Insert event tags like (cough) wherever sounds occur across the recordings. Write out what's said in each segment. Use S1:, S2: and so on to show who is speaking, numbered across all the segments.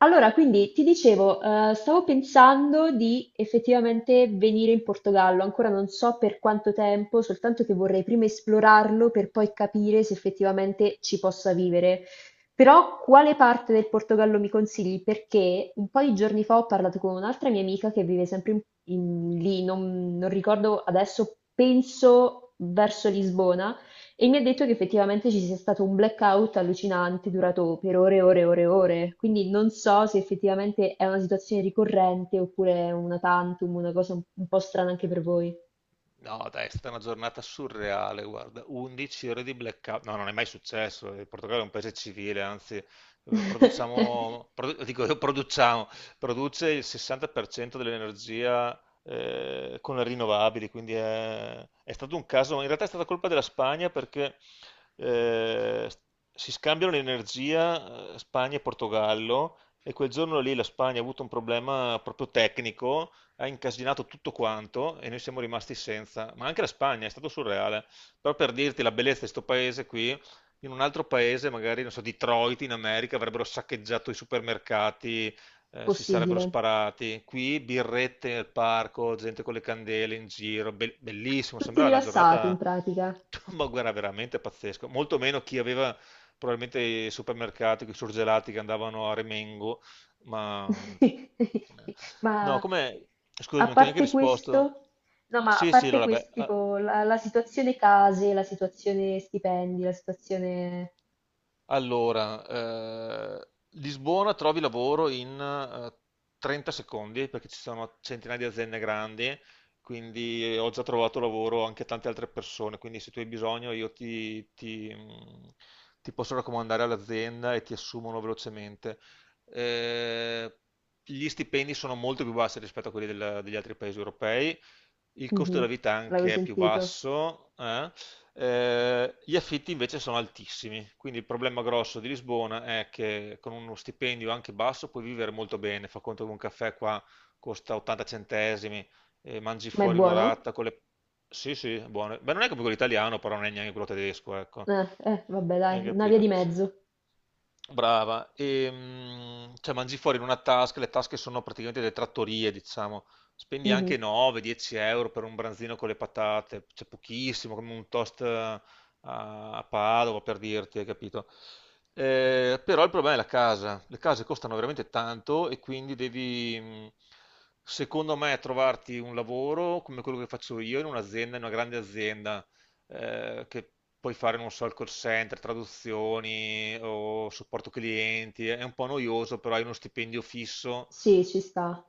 S1: Allora, quindi ti dicevo, stavo pensando di effettivamente venire in Portogallo, ancora non so per quanto tempo, soltanto che vorrei prima esplorarlo per poi capire se effettivamente ci possa vivere. Però quale parte del Portogallo mi consigli? Perché un po' di giorni fa ho parlato con un'altra mia amica che vive sempre lì, non ricordo adesso, penso verso Lisbona e mi ha detto che effettivamente ci sia stato un blackout allucinante durato per ore e ore e ore e ore. Quindi non so se effettivamente è una situazione ricorrente oppure è una tantum, una cosa un po' strana anche per voi.
S2: No, dai, è stata una giornata surreale, guarda, 11 ore di blackout, no, non è mai successo. Il Portogallo è un paese civile, anzi,
S1: (laughs)
S2: produciamo, dico (laughs) io produciamo, produce il 60% dell'energia con le rinnovabili, quindi è stato un caso, in realtà è stata colpa della Spagna perché eh, si scambiano l'energia, Spagna e Portogallo, e quel giorno lì la Spagna ha avuto un problema proprio tecnico, ha incasinato tutto quanto e noi siamo rimasti senza. Ma anche la Spagna è stato surreale. Però per dirti la bellezza di sto paese qui, in un altro paese, magari, non so, Detroit in America, avrebbero saccheggiato i supermercati, si sarebbero
S1: Possibile.
S2: sparati. Qui birrette nel parco, gente con le candele in giro, bellissimo,
S1: Tutti
S2: sembrava una
S1: rilassati in
S2: giornata,
S1: pratica.
S2: (laughs) ma guarda, veramente pazzesco. Molto meno chi aveva probabilmente i supermercati, i surgelati che andavano a Remengo, ma eh,
S1: (laughs)
S2: no,
S1: Ma
S2: come, scusami,
S1: a
S2: non ti ho neanche
S1: parte
S2: risposto.
S1: questo, no, ma a
S2: Sì, sì,
S1: parte
S2: allora,
S1: questo, tipo la situazione case, la situazione stipendi, la situazione...
S2: Allora, eh, Lisbona trovi lavoro in 30 secondi perché ci sono centinaia di aziende grandi, quindi ho già trovato lavoro anche a tante altre persone, quindi se tu hai bisogno io ti posso raccomandare all'azienda e ti assumono velocemente. Eh, Gli stipendi sono molto più bassi rispetto a quelli degli altri paesi europei, il costo
S1: Mhm,
S2: della vita
S1: l'avevo
S2: anche è più
S1: sentito.
S2: basso, eh? Gli affitti invece sono altissimi, quindi il problema grosso di Lisbona è che con uno stipendio anche basso puoi vivere molto bene. Fa conto che un caffè qua costa 80 centesimi, e mangi
S1: Ma è
S2: fuori
S1: buono?
S2: un'orata con le... Sì, sì, buono. Beh, non è come quello italiano, però non è neanche quello tedesco, ecco.
S1: Vabbè
S2: Hai
S1: dai, una via di
S2: capito?
S1: mezzo.
S2: Brava, e, cioè mangi fuori in una tasca, le tasche sono praticamente delle trattorie, diciamo. Spendi
S1: Mhm.
S2: anche 9-10 euro per un branzino con le patate, c'è pochissimo, come un toast a, a Padova per dirti, hai capito? Però il problema è la casa, le case costano veramente tanto e quindi secondo me, trovarti un lavoro come quello che faccio io in un'azienda, in una grande azienda, che puoi fare, non so, il call center, traduzioni o supporto clienti. È un po' noioso, però hai uno stipendio fisso
S1: Sì, ci sta.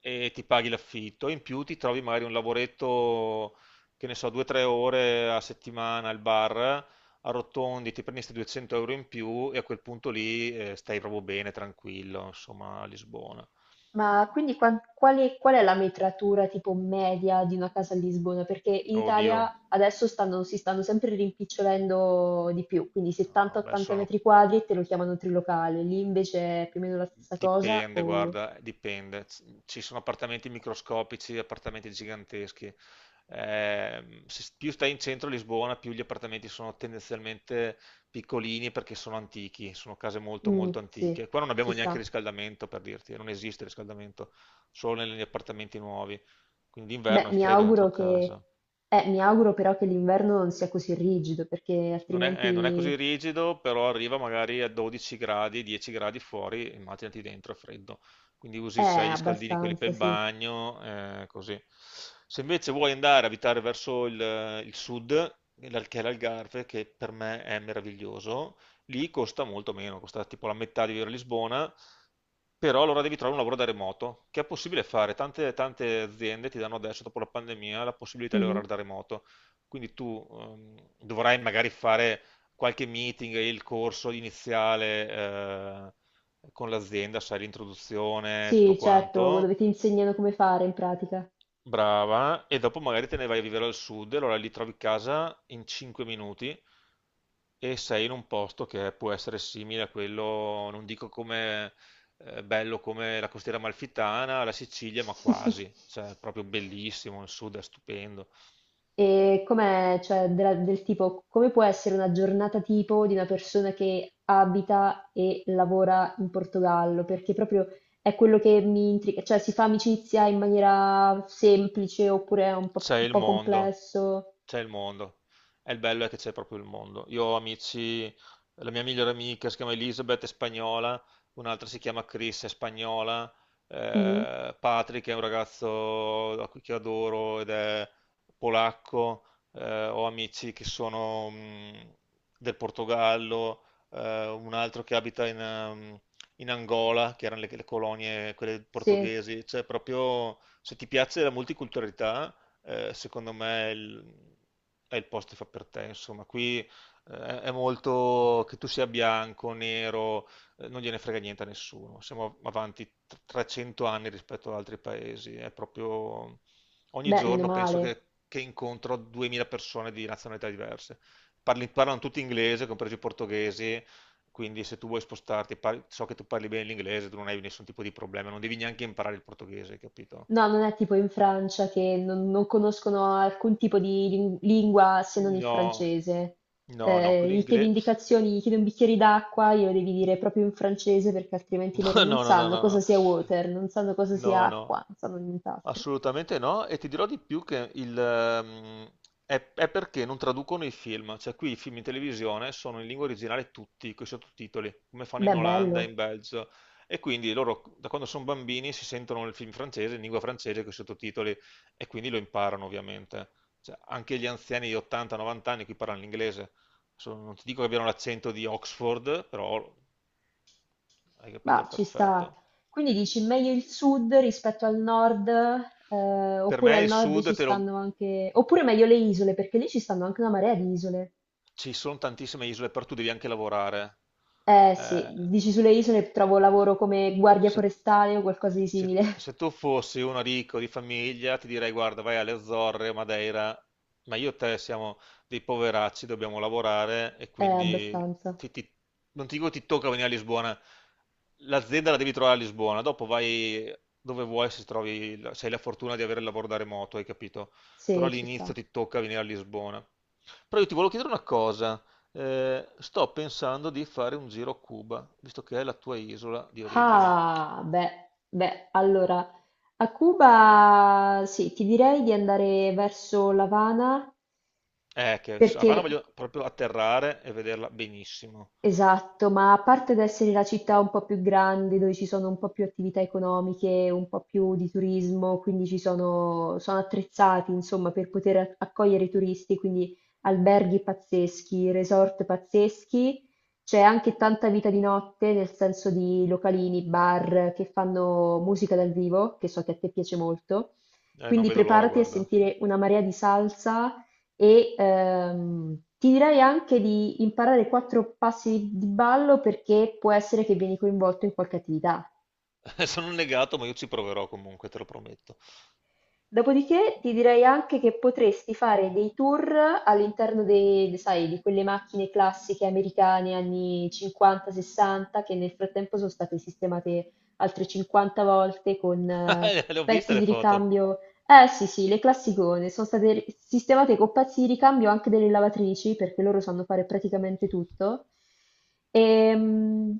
S2: e ti paghi l'affitto, in più ti trovi magari un lavoretto, che ne so, 2-3 ore a settimana al bar, arrotondi, ti prendi questi 200 euro in più e a quel punto lì stai proprio bene, tranquillo, insomma, a Lisbona.
S1: Ma quindi qual è la metratura tipo media di una casa a Lisbona? Perché in
S2: Oddio,
S1: Italia adesso si stanno sempre rimpicciolendo di più, quindi
S2: no, beh,
S1: 70-80
S2: sono,
S1: metri quadri te lo chiamano trilocale, lì invece è più o meno la stessa cosa
S2: dipende,
S1: o...
S2: guarda, dipende. Ci sono appartamenti microscopici, appartamenti giganteschi. Se più stai in centro a Lisbona, più gli appartamenti sono tendenzialmente piccolini perché sono antichi, sono case molto
S1: Mm,
S2: molto
S1: sì,
S2: antiche. Qua non
S1: ci
S2: abbiamo neanche
S1: sta.
S2: riscaldamento, per dirti, non esiste riscaldamento, solo negli appartamenti nuovi. Quindi
S1: Beh,
S2: d'inverno è
S1: mi
S2: freddo dentro
S1: auguro che...
S2: casa.
S1: mi auguro però che l'inverno non sia così rigido, perché
S2: Non è, non è così
S1: altrimenti
S2: rigido, però arriva magari a 12 gradi, 10 gradi fuori, immaginati dentro, è freddo. Quindi
S1: è
S2: usi, sai, gli scaldini, quelli per
S1: abbastanza,
S2: il
S1: sì.
S2: bagno, così. Se invece vuoi andare a abitare verso il sud, che è l'Algarve, che per me è meraviglioso, lì costa molto meno, costa tipo la metà di vivere a Lisbona, però allora devi trovare un lavoro da remoto, che è possibile fare. Tante, tante aziende ti danno adesso, dopo la pandemia, la possibilità di
S1: Mhm.
S2: lavorare da remoto. Quindi tu dovrai magari fare qualche meeting, il corso iniziale, con l'azienda, sai, l'introduzione, tutto
S1: Sì, certo, dove
S2: quanto.
S1: ti insegnano come fare in pratica.
S2: Brava, e dopo magari te ne vai a vivere al sud, e allora lì trovi casa in 5 minuti e sei in un posto che può essere simile a quello, non dico come bello come la costiera amalfitana, la Sicilia, ma quasi,
S1: (laughs)
S2: cioè è proprio bellissimo, il sud è stupendo,
S1: E com'è, cioè, del tipo, come può essere una giornata tipo di una persona che abita e lavora in Portogallo? Perché proprio è quello che mi intriga, cioè si fa amicizia in maniera semplice oppure è
S2: c'è
S1: un
S2: il
S1: po'
S2: mondo.
S1: complesso?
S2: C'è il mondo. E il bello è che c'è proprio il mondo. Io ho amici, la mia migliore amica si chiama Elizabeth, è spagnola, un'altra si chiama Chris, è spagnola,
S1: Mhm.
S2: Patrick è un ragazzo a cui che adoro ed è polacco, ho amici che sono del Portogallo, un altro che abita in Angola, che erano le colonie, quelle
S1: Sì,
S2: portoghesi. Cioè proprio se ti piace la multiculturalità, secondo me è è il posto che fa per te. Insomma, qui è molto che tu sia bianco, nero, non gliene frega niente a nessuno. Siamo avanti 300 anni rispetto ad altri paesi. È proprio ogni
S1: beh, meno
S2: giorno penso
S1: male.
S2: che incontro 2000 persone di nazionalità diverse. Parlano tutti inglese, compresi i portoghesi. Quindi se tu vuoi spostarti, so che tu parli bene l'inglese, tu non hai nessun tipo di problema, non devi neanche imparare il portoghese, capito?
S1: No, non è tipo in Francia che non conoscono alcun tipo di lingua se non il
S2: No,
S1: francese.
S2: no, no, qui
S1: Gli chiedi
S2: l'inglese...
S1: indicazioni, gli chiedi un bicchiere d'acqua, glielo devi dire proprio in francese perché altrimenti
S2: (laughs)
S1: loro
S2: No,
S1: non
S2: no, no, no,
S1: sanno
S2: no,
S1: cosa
S2: no.
S1: sia water, non sanno cosa sia
S2: No,
S1: acqua,
S2: no,
S1: non sanno nient'altro.
S2: assolutamente no. E ti dirò di più che è perché non traducono i film. Cioè, qui i film in televisione sono in lingua originale tutti, con i sottotitoli, come fanno in
S1: Beh,
S2: Olanda,
S1: bello,
S2: in Belgio. E quindi loro, da quando sono bambini, si sentono il film francese, in lingua francese, con i sottotitoli, e quindi lo imparano, ovviamente. Cioè, anche gli anziani di 80-90 anni qui parlano l'inglese. Adesso non ti dico che abbiano l'accento di Oxford, però hai capito
S1: ma ci
S2: perfetto.
S1: sta. Quindi dici meglio il sud rispetto al nord,
S2: Per
S1: oppure
S2: me
S1: al
S2: il
S1: nord
S2: sud
S1: ci stanno anche, oppure meglio le isole, perché lì ci stanno anche una marea di isole.
S2: ci sono tantissime isole, però tu devi anche lavorare.
S1: Eh
S2: Eh,
S1: sì, dici sulle isole trovo lavoro come guardia
S2: Se,
S1: forestale o qualcosa di simile.
S2: se
S1: (laughs)
S2: tu fossi uno ricco di famiglia, ti direi: guarda, vai alle Azzorre, Madeira, ma io e te siamo dei poveracci, dobbiamo lavorare e quindi
S1: Abbastanza.
S2: ti- ti- non ti dico ti tocca venire a Lisbona. L'azienda la devi trovare a Lisbona, dopo vai dove vuoi se trovi, se hai la fortuna di avere il lavoro da remoto, hai capito? Però
S1: Sì, ci
S2: all'inizio
S1: sta.
S2: ti tocca venire a Lisbona. Però io ti volevo chiedere una cosa. Sto pensando di fare un giro a Cuba, visto che è la tua isola di origine.
S1: Ah, beh, beh, allora, a Cuba sì, ti direi di andare verso l'Avana
S2: Che su
S1: perché
S2: Havana voglio proprio atterrare e vederla benissimo.
S1: esatto, ma a parte ad essere la città un po' più grande, dove ci sono un po' più attività economiche, un po' più di turismo, quindi ci sono, sono attrezzati, insomma, per poter accogliere i turisti, quindi alberghi pazzeschi, resort pazzeschi, c'è anche tanta vita di notte, nel senso di localini, bar che fanno musica dal vivo, che so che a te piace molto.
S2: Non
S1: Quindi
S2: vedo l'ora,
S1: preparati a
S2: guarda.
S1: sentire una marea di salsa, e ti direi anche di imparare quattro passi di ballo perché può essere che vieni coinvolto in qualche attività.
S2: (laughs) Sono un negato, ma io ci proverò comunque, te lo prometto.
S1: Dopodiché ti direi anche che potresti fare dei tour all'interno sai, di quelle macchine classiche americane anni 50-60 che nel frattempo sono state sistemate altre 50 volte con
S2: (laughs) Le ho viste
S1: pezzi
S2: le
S1: di
S2: foto.
S1: ricambio. Eh sì sì, le classicone, sono state sistemate con pezzi di ricambio anche delle lavatrici, perché loro sanno fare praticamente tutto. Ehm,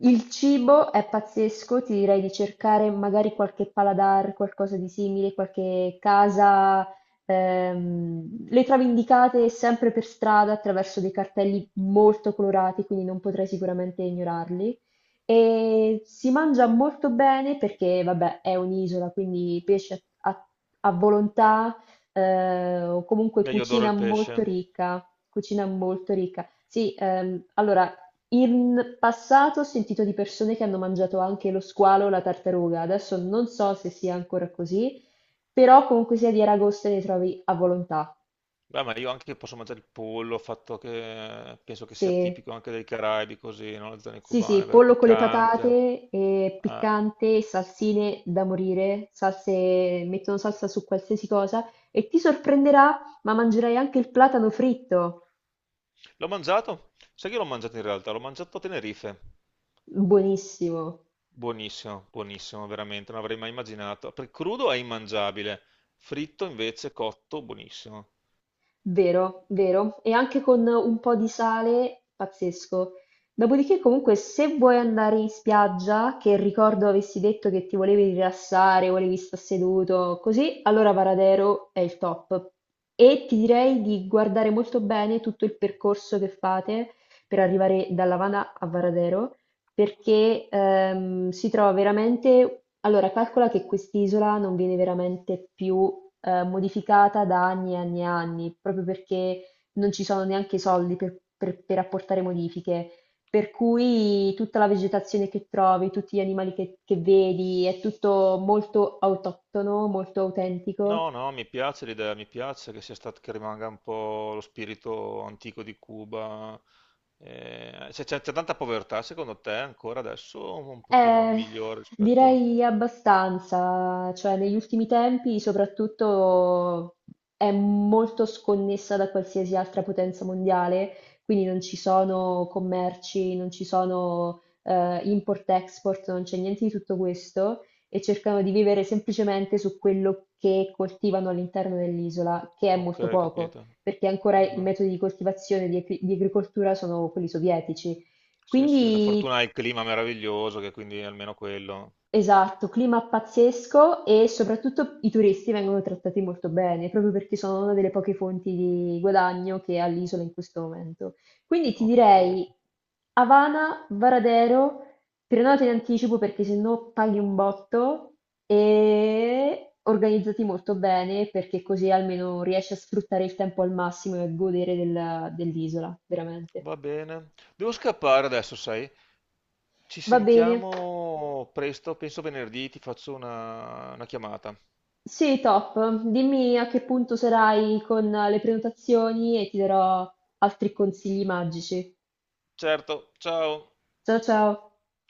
S1: il cibo è pazzesco, ti direi di cercare magari qualche paladar, qualcosa di simile, qualche casa. Le trovi indicate sempre per strada attraverso dei cartelli molto colorati, quindi non potrai sicuramente ignorarli. E si mangia molto bene perché, vabbè, è un'isola, quindi pesce a volontà, o comunque
S2: Beh, io adoro
S1: cucina
S2: il
S1: molto
S2: pesce.
S1: ricca, cucina molto ricca. Sì, allora, in passato ho sentito di persone che hanno mangiato anche lo squalo o la tartaruga, adesso non so se sia ancora così, però comunque sia di Aragosta ne trovi a volontà,
S2: Beh, ma io anche posso mangiare il pollo, fatto che penso che sia
S1: se
S2: tipico anche dei Caraibi, così, no? Le zone
S1: Sì,
S2: cubane,
S1: sì,
S2: vero?
S1: pollo con le
S2: Piccante.
S1: patate, e
S2: Ah.
S1: piccante, salsine da morire, salse, mettono salsa su qualsiasi cosa e ti sorprenderà, ma mangerai anche il platano fritto.
S2: L'ho mangiato? Sai che l'ho mangiato in realtà? L'ho mangiato a Tenerife.
S1: Buonissimo.
S2: Buonissimo, buonissimo, veramente, non avrei mai immaginato. Per crudo è immangiabile, fritto invece cotto, buonissimo.
S1: Vero, vero. E anche con un po' di sale, pazzesco. Dopodiché, comunque, se vuoi andare in spiaggia, che ricordo avessi detto che ti volevi rilassare, volevi stare seduto, così, allora Varadero è il top. E ti direi di guardare molto bene tutto il percorso che fate per arrivare da Lavana a Varadero, perché si trova veramente... Allora, calcola che quest'isola non viene veramente più modificata da anni e anni e anni, proprio perché non ci sono neanche i soldi per, per apportare modifiche. Per cui tutta la vegetazione che trovi, tutti gli animali che vedi, è tutto molto autoctono, molto autentico.
S2: No, no, mi piace l'idea, mi piace che sia stato, che rimanga un po' lo spirito antico di Cuba. C'è tanta povertà, secondo te, ancora adesso, o un pochino
S1: Eh,
S2: migliore rispetto...
S1: direi abbastanza, cioè negli ultimi tempi soprattutto è molto sconnessa da qualsiasi altra potenza mondiale, quindi non ci sono commerci, non ci sono import-export, non c'è niente di tutto questo e cercano di vivere semplicemente su quello che coltivano all'interno dell'isola, che è molto
S2: Ok,
S1: poco,
S2: capito.
S1: perché ancora i
S2: Ah,
S1: metodi di coltivazione di agricoltura sono quelli sovietici.
S2: sì, sì, la
S1: Quindi
S2: fortuna è il clima meraviglioso, che quindi è almeno quello.
S1: esatto, clima pazzesco e soprattutto i turisti vengono trattati molto bene, proprio perché sono una delle poche fonti di guadagno che ha l'isola in questo momento. Quindi ti
S2: Ho capito.
S1: direi Havana, Varadero, prenota in anticipo perché se no paghi un botto e organizzati molto bene perché così almeno riesci a sfruttare il tempo al massimo e a godere dell'isola, veramente.
S2: Va bene. Devo scappare adesso, sai? Ci
S1: Va bene.
S2: sentiamo presto, penso venerdì ti faccio una chiamata.
S1: Sì, top. Dimmi a che punto sarai con le prenotazioni e ti darò altri consigli magici.
S2: Certo, ciao.
S1: Ciao ciao.